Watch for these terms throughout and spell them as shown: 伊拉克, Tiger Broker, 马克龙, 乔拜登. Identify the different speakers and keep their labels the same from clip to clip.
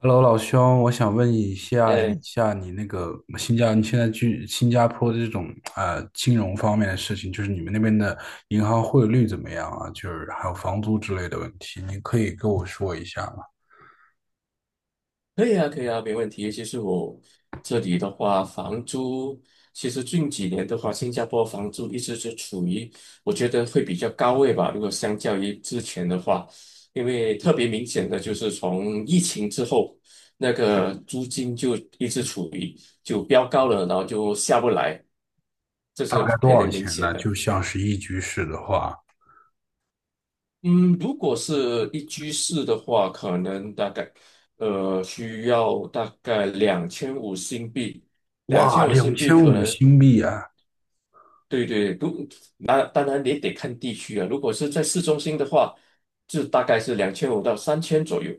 Speaker 1: Hello，老兄，我想问一下
Speaker 2: 哎，
Speaker 1: 一下你那个你现在去新加坡的这种金融方面的事情，就是你们那边的银行汇率怎么样啊？就是还有房租之类的问题，你可以跟我说一下吗？
Speaker 2: 可以啊，可以啊，没问题。其实我这里的话，房租其实近几年的话，新加坡房租一直是处于我觉得会比较高位吧。如果相较于之前的话，因为特别明显的就是从疫情之后，那个租金就一直处于就飙高了，然后就下不来，这
Speaker 1: 大
Speaker 2: 是
Speaker 1: 概多
Speaker 2: 特别
Speaker 1: 少
Speaker 2: 明
Speaker 1: 钱
Speaker 2: 显
Speaker 1: 呢？
Speaker 2: 的。
Speaker 1: 就像是一居室的话。
Speaker 2: 嗯，如果是一居室的话，可能大概需要大概两千五新币。两
Speaker 1: 哇，
Speaker 2: 千五
Speaker 1: 两
Speaker 2: 新币
Speaker 1: 千
Speaker 2: 可
Speaker 1: 五
Speaker 2: 能
Speaker 1: 新币啊！
Speaker 2: 对对，那当然也得看地区啊。如果是在市中心的话，就大概是两千五到三千左右，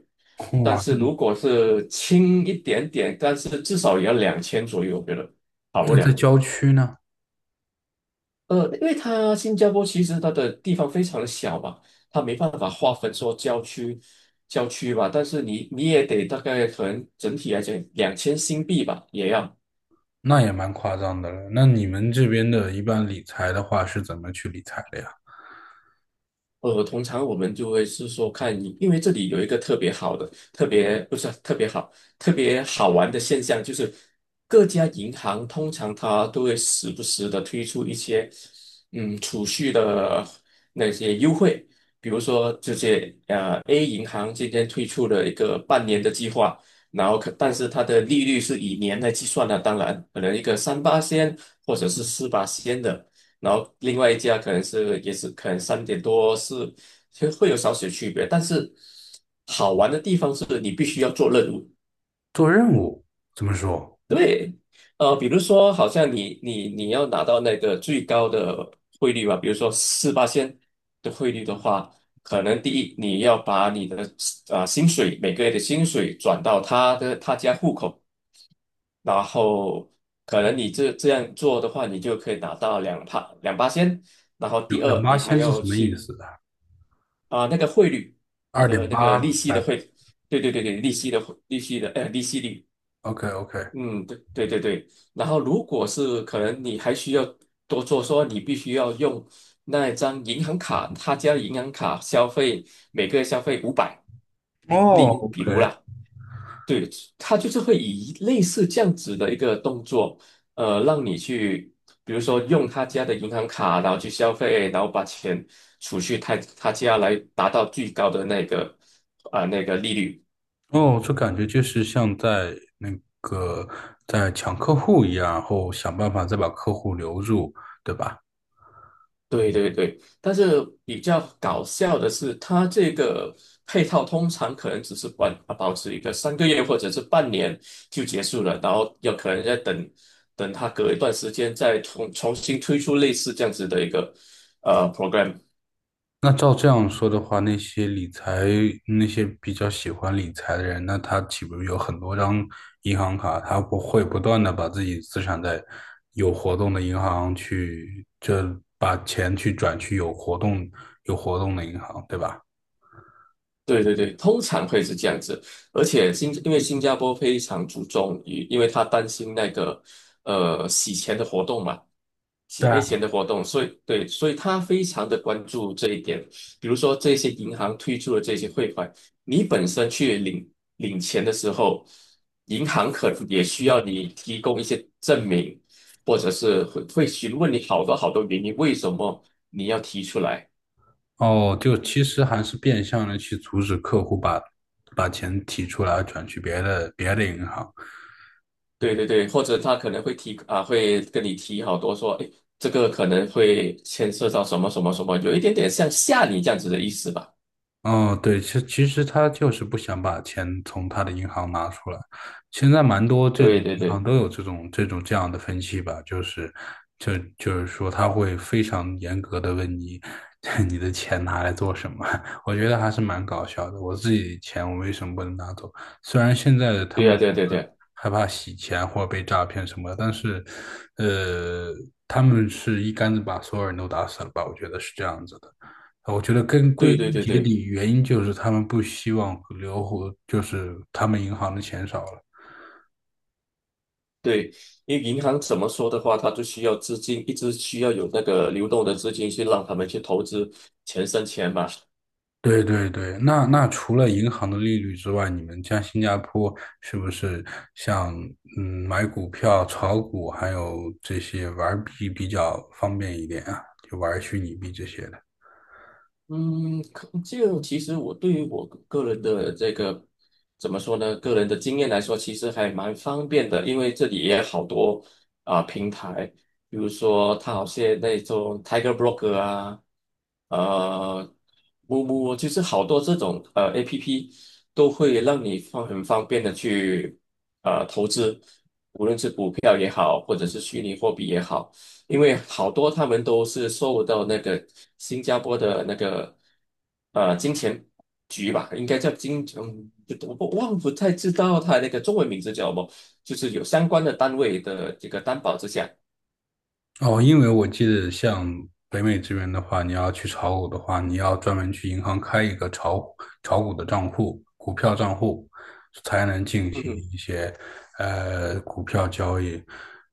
Speaker 2: 但
Speaker 1: 哇，
Speaker 2: 是如果是轻一点点，但是至少也要两千左右，我觉得。不
Speaker 1: 那在
Speaker 2: 了。
Speaker 1: 郊区呢？
Speaker 2: 因为它新加坡其实它的地方非常的小吧，它没办法划分说郊区吧，但是你也得大概可能整体来讲两千新币吧，也要。
Speaker 1: 那也蛮夸张的了。那你们这边的一般理财的话是怎么去理财的呀？
Speaker 2: 通常我们就会是说看你，因为这里有一个特别好的、特别不是特别好、特别好玩的现象，就是各家银行通常它都会时不时的推出一些储蓄的那些优惠。比如说这些A 银行今天推出了一个半年的计划，然后但是它的利率是以年来计算的，当然可能一个三八仙或者是四八仙的。然后另外一家可能是也是可能三点多是实会有少许区别，但是好玩的地方是你必须要做任务。
Speaker 1: 做任务怎么说？
Speaker 2: 比如说好像你要拿到那个最高的汇率吧，比如说四八线的汇率的话，可能第一你要把你的薪水，每个月的薪水转到他家户口，然后可能你这样做的话，你就可以拿到两八仙，然后第
Speaker 1: 两
Speaker 2: 二，
Speaker 1: 八
Speaker 2: 你还
Speaker 1: 千是
Speaker 2: 要
Speaker 1: 什么意
Speaker 2: 去
Speaker 1: 思啊？
Speaker 2: 那个汇率，你
Speaker 1: 二
Speaker 2: 的
Speaker 1: 点
Speaker 2: 那个利
Speaker 1: 八，
Speaker 2: 息
Speaker 1: 哎
Speaker 2: 的汇，对对对对，利息的汇利息的呃利息率，
Speaker 1: ，OK， OK。
Speaker 2: 嗯，对对对对。然后如果是可能你还需要多做说，你必须要用那一张银行卡，他家银行卡消费，每个月消费500，
Speaker 1: 哦
Speaker 2: 比如
Speaker 1: ，OK。
Speaker 2: 啦。对，他就是会以类似这样子的一个动作，让你去，比如说用他家的银行卡，然后去消费，然后把钱储蓄他家来达到最高的那个那个利率。
Speaker 1: 哦，这感觉就是像在那个在抢客户一样，然后想办法再把客户留住，对吧？
Speaker 2: 对对对，但是比较搞笑的是，它这个配套通常可能只是保持一个3个月或者是半年就结束了，然后有可能再等它隔一段时间再重新推出类似这样子的一个program。
Speaker 1: 那照这样说的话，那些比较喜欢理财的人，那他岂不是有很多张银行卡？他不会不断的把自己资产在有活动的银行去，就把钱去转去有活动的银行，对吧？
Speaker 2: 对对对，通常会是这样子，而且因为新加坡非常注重于，因为他担心那个洗钱的活动嘛，洗黑钱的活动，所以对，所以他非常的关注这一点。比如说这些银行推出的这些汇款，你本身去领钱的时候，银行可能也需要你提供一些证明，或者是会询问你好多好多原因，为什么你要提出来。
Speaker 1: 哦，就其实还是变相的去阻止客户把钱提出来转去别的银行。
Speaker 2: 对对对，或者他可能会提啊，会跟你提好多说，哎，这个可能会牵涉到什么什么什么，有一点点像吓你这样子的意思吧？
Speaker 1: 哦，对，其实他就是不想把钱从他的银行拿出来。现在蛮多这种
Speaker 2: 对对
Speaker 1: 银行
Speaker 2: 对，
Speaker 1: 都有这种这样的分析吧，就是说他会非常严格的问你 你的钱拿来做什么。我觉得还是蛮搞笑的。我自己的钱我为什么不能拿走？虽然现在的他
Speaker 2: 对
Speaker 1: 们
Speaker 2: 啊，对对
Speaker 1: 说
Speaker 2: 对，
Speaker 1: 害怕洗钱或者被诈骗什么的，但是呃，他们是一竿子把所有人都打死了吧？我觉得是这样子的。我觉得归
Speaker 2: 对对
Speaker 1: 根
Speaker 2: 对
Speaker 1: 结
Speaker 2: 对
Speaker 1: 底原因就是他们不希望留活，就是他们银行的钱少了。
Speaker 2: 对，因为银行怎么说的话，它就需要资金，一直需要有那个流动的资金去让他们去投资，钱生钱嘛。
Speaker 1: 对对对。那除了银行的利率之外，你们像新加坡是不是像买股票、炒股，还有这些玩币比较方便一点啊？就玩虚拟币这些的。
Speaker 2: 嗯，就其实我对于我个人的这个怎么说呢？个人的经验来说，其实还蛮方便的，因为这里也有好多平台，比如说它好些那种 Tiger Broker 啊，呃，木木，就是好多这种APP 都会让你很方便的去投资。票也好，或者是虚拟货币也好，因为好多他们都是受到那个新加坡的那个金钱局吧，应该叫金，嗯，不我不忘不太知道它那个中文名字叫什么，就是有相关的单位的这个担保之下。
Speaker 1: 哦，因为我记得像北美这边的话，你要去炒股的话，你要专门去银行开一个炒股的账户、股票账户，才能进
Speaker 2: 嗯
Speaker 1: 行
Speaker 2: 哼。
Speaker 1: 一些股票交易。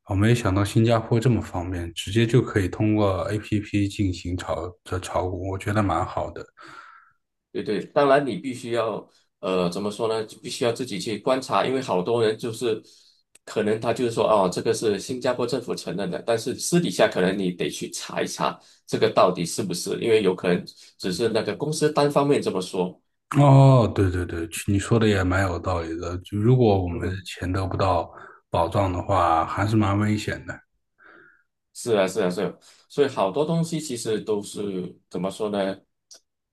Speaker 1: 我没想到新加坡这么方便，直接就可以通过 APP 进行炒股，我觉得蛮好的。
Speaker 2: 对对，当然你必须要，怎么说呢？就必须要自己去观察，因为好多人就是可能他就是说，哦，这个是新加坡政府承认的，但是私底下可能你得去查一查这个到底是不是，因为有可能只是那个公司单方面这么说。
Speaker 1: 哦，对对对，你说的也蛮有道理的。就如果我们的
Speaker 2: 嗯，
Speaker 1: 钱得不到保障的话，还是蛮危险的。
Speaker 2: 是啊，是啊，是啊，所以好多东西其实都是怎么说呢？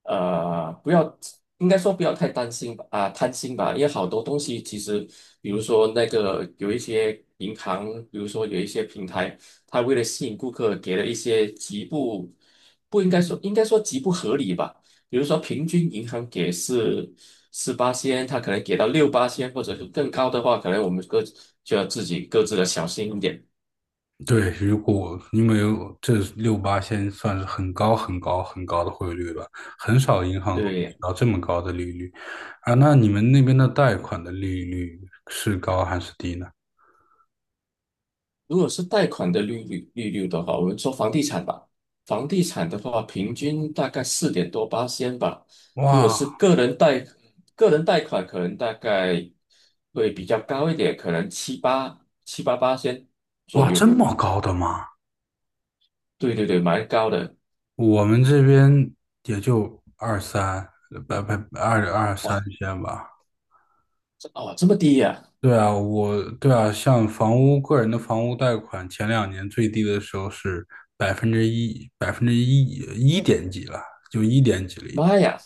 Speaker 2: 不要，应该说不要太担心吧，啊，贪心吧，因为好多东西其实，比如说那个有一些银行，比如说有一些平台，它为了吸引顾客，给了一些极不，不应该说，应该说极不合理吧。比如说平均银行给是四八仙，它可能给到六八仙，或者是更高的话，可能我们就要自己各自的小心一点。
Speaker 1: 对，如果因为这六八现在算是很高很高很高的汇率了，很少银行会给
Speaker 2: 对。
Speaker 1: 到这么高的利率啊。那你们那边的贷款的利率是高还是低呢？
Speaker 2: 如果是贷款的利率的话，我们说房地产吧，房地产的话，平均大概四点多八仙吧。如果
Speaker 1: 哇。
Speaker 2: 是个人贷，个人贷款可能大概会比较高一点，可能七八八千左
Speaker 1: 哇，这
Speaker 2: 右。
Speaker 1: 么高的吗？
Speaker 2: 对对对，蛮高的。
Speaker 1: 我们这边也就二三，百二三
Speaker 2: 哇，
Speaker 1: 线吧。
Speaker 2: 这么低呀、
Speaker 1: 对啊。像房屋个人的房屋贷款，前两年最低的时候是百分之一，百分之一一点几了，就一点几了已经。
Speaker 2: 妈呀！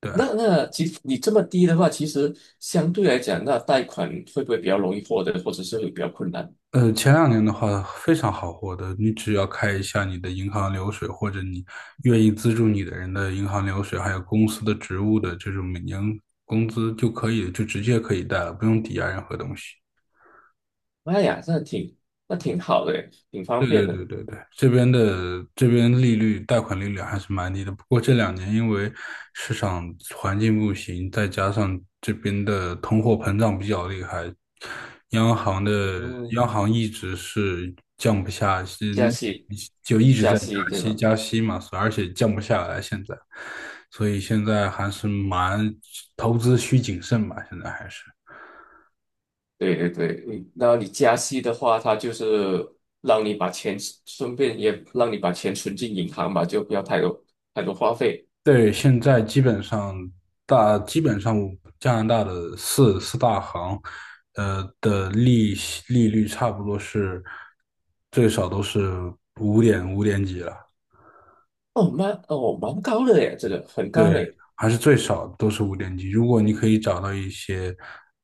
Speaker 1: 对
Speaker 2: 那
Speaker 1: 啊。
Speaker 2: 那其实你这么低的话，其实相对来讲，那贷款会不会比较容易获得，或者是会比较困难？
Speaker 1: 前两年的话非常好获得，你只要开一下你的银行流水，或者你愿意资助你的人的银行流水，还有公司的职务的这种每年工资就可以，就直接可以贷了，不用抵押任何东西。
Speaker 2: 妈呀，那挺好的，挺方
Speaker 1: 对对
Speaker 2: 便
Speaker 1: 对
Speaker 2: 的。
Speaker 1: 对对，这边贷款利率还是蛮低的，不过这两年因为市场环境不行，再加上这边的通货膨胀比较厉害，央行的
Speaker 2: 嗯，
Speaker 1: 央行一直是降不下息，
Speaker 2: 加息，
Speaker 1: 就一直
Speaker 2: 加
Speaker 1: 在
Speaker 2: 息
Speaker 1: 加
Speaker 2: 对
Speaker 1: 息
Speaker 2: 吧？
Speaker 1: 加息嘛，而且降不下来现在，所以现在还是蛮投资需谨慎吧，现在还是。
Speaker 2: 对对对，然后你加息的话，它就是让你把钱，顺便也让你把钱存进银行吧，就不要太多太多花费。
Speaker 1: 对，现在基本上加拿大的四大行，的利率差不多是最少都是五点几了。
Speaker 2: 哦，蛮高的耶，这个很高
Speaker 1: 对，
Speaker 2: 嘞。
Speaker 1: 还是最少都是五点几。如果你可以找到一些，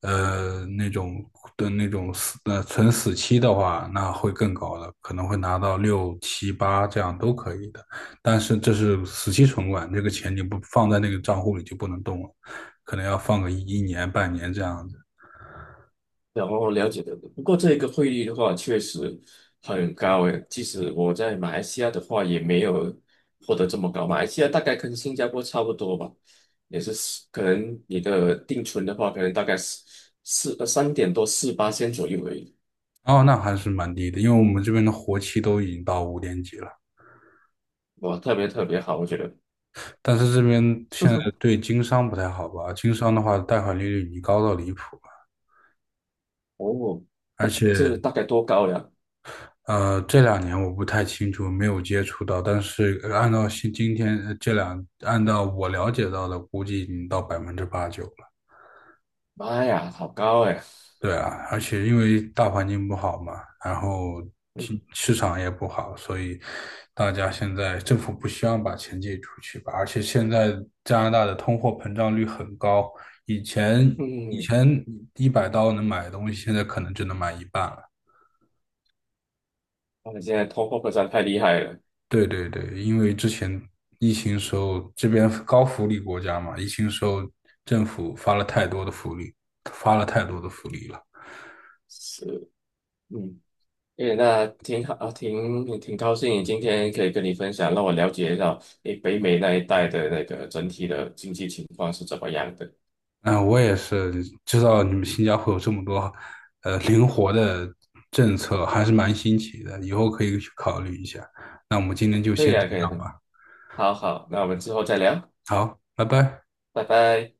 Speaker 1: 呃，那种那种存死期的话，那会更高的，可能会拿到六七八这样都可以的。但是这是死期存款，这个钱你不放在那个账户里就不能动了，可能要放个一年半年这样子。
Speaker 2: 然后了解的，不过这个汇率的话确实很高诶，即使我在马来西亚的话也没有获得这么高，马来西亚大概跟新加坡差不多吧，也是四可能你的定存的话，可能大概四四呃三点多四八千左右而已。
Speaker 1: 哦，那还是蛮低的，因为我们这边的活期都已经到五点几了。
Speaker 2: 哇，特别特别好，我觉得。
Speaker 1: 但是这边现在 对经商不太好吧？经商的话，贷款利率已经高到离谱了，
Speaker 2: 哦，
Speaker 1: 而且
Speaker 2: 这大概多高呀？
Speaker 1: 这两年我不太清楚，没有接触到。但是按照现今天呃这两，按照我了解到的，估计已经到百分之八九了。
Speaker 2: 妈呀，好高哎！
Speaker 1: 对啊，而且因为大环境不好嘛，然后市场也不好，所以大家现在政府不希望把钱借出去吧。而且现在加拿大的通货膨胀率很高，以前以
Speaker 2: 嗯，
Speaker 1: 前100刀能买的东西，现在可能只能买一半了。
Speaker 2: 他们现在通货膨胀太厉害了。
Speaker 1: 对对对，因为之前疫情时候，这边高福利国家嘛，疫情时候政府发了太多的福利，发了太多的福利了。
Speaker 2: 是，嗯。诶，那挺好，挺高兴今天可以跟你分享，让我了解到北美那一带的那个整体的经济情况是怎么样的。
Speaker 1: 嗯，我也是知道你们新加坡有这么多灵活的政策，还是蛮新奇的，以后可以去考虑一下。那我们今天就
Speaker 2: 可
Speaker 1: 先
Speaker 2: 以
Speaker 1: 这
Speaker 2: 啊，可以啊，
Speaker 1: 样吧。
Speaker 2: 好好，那我们之后再聊，
Speaker 1: 好，拜拜。
Speaker 2: 拜拜。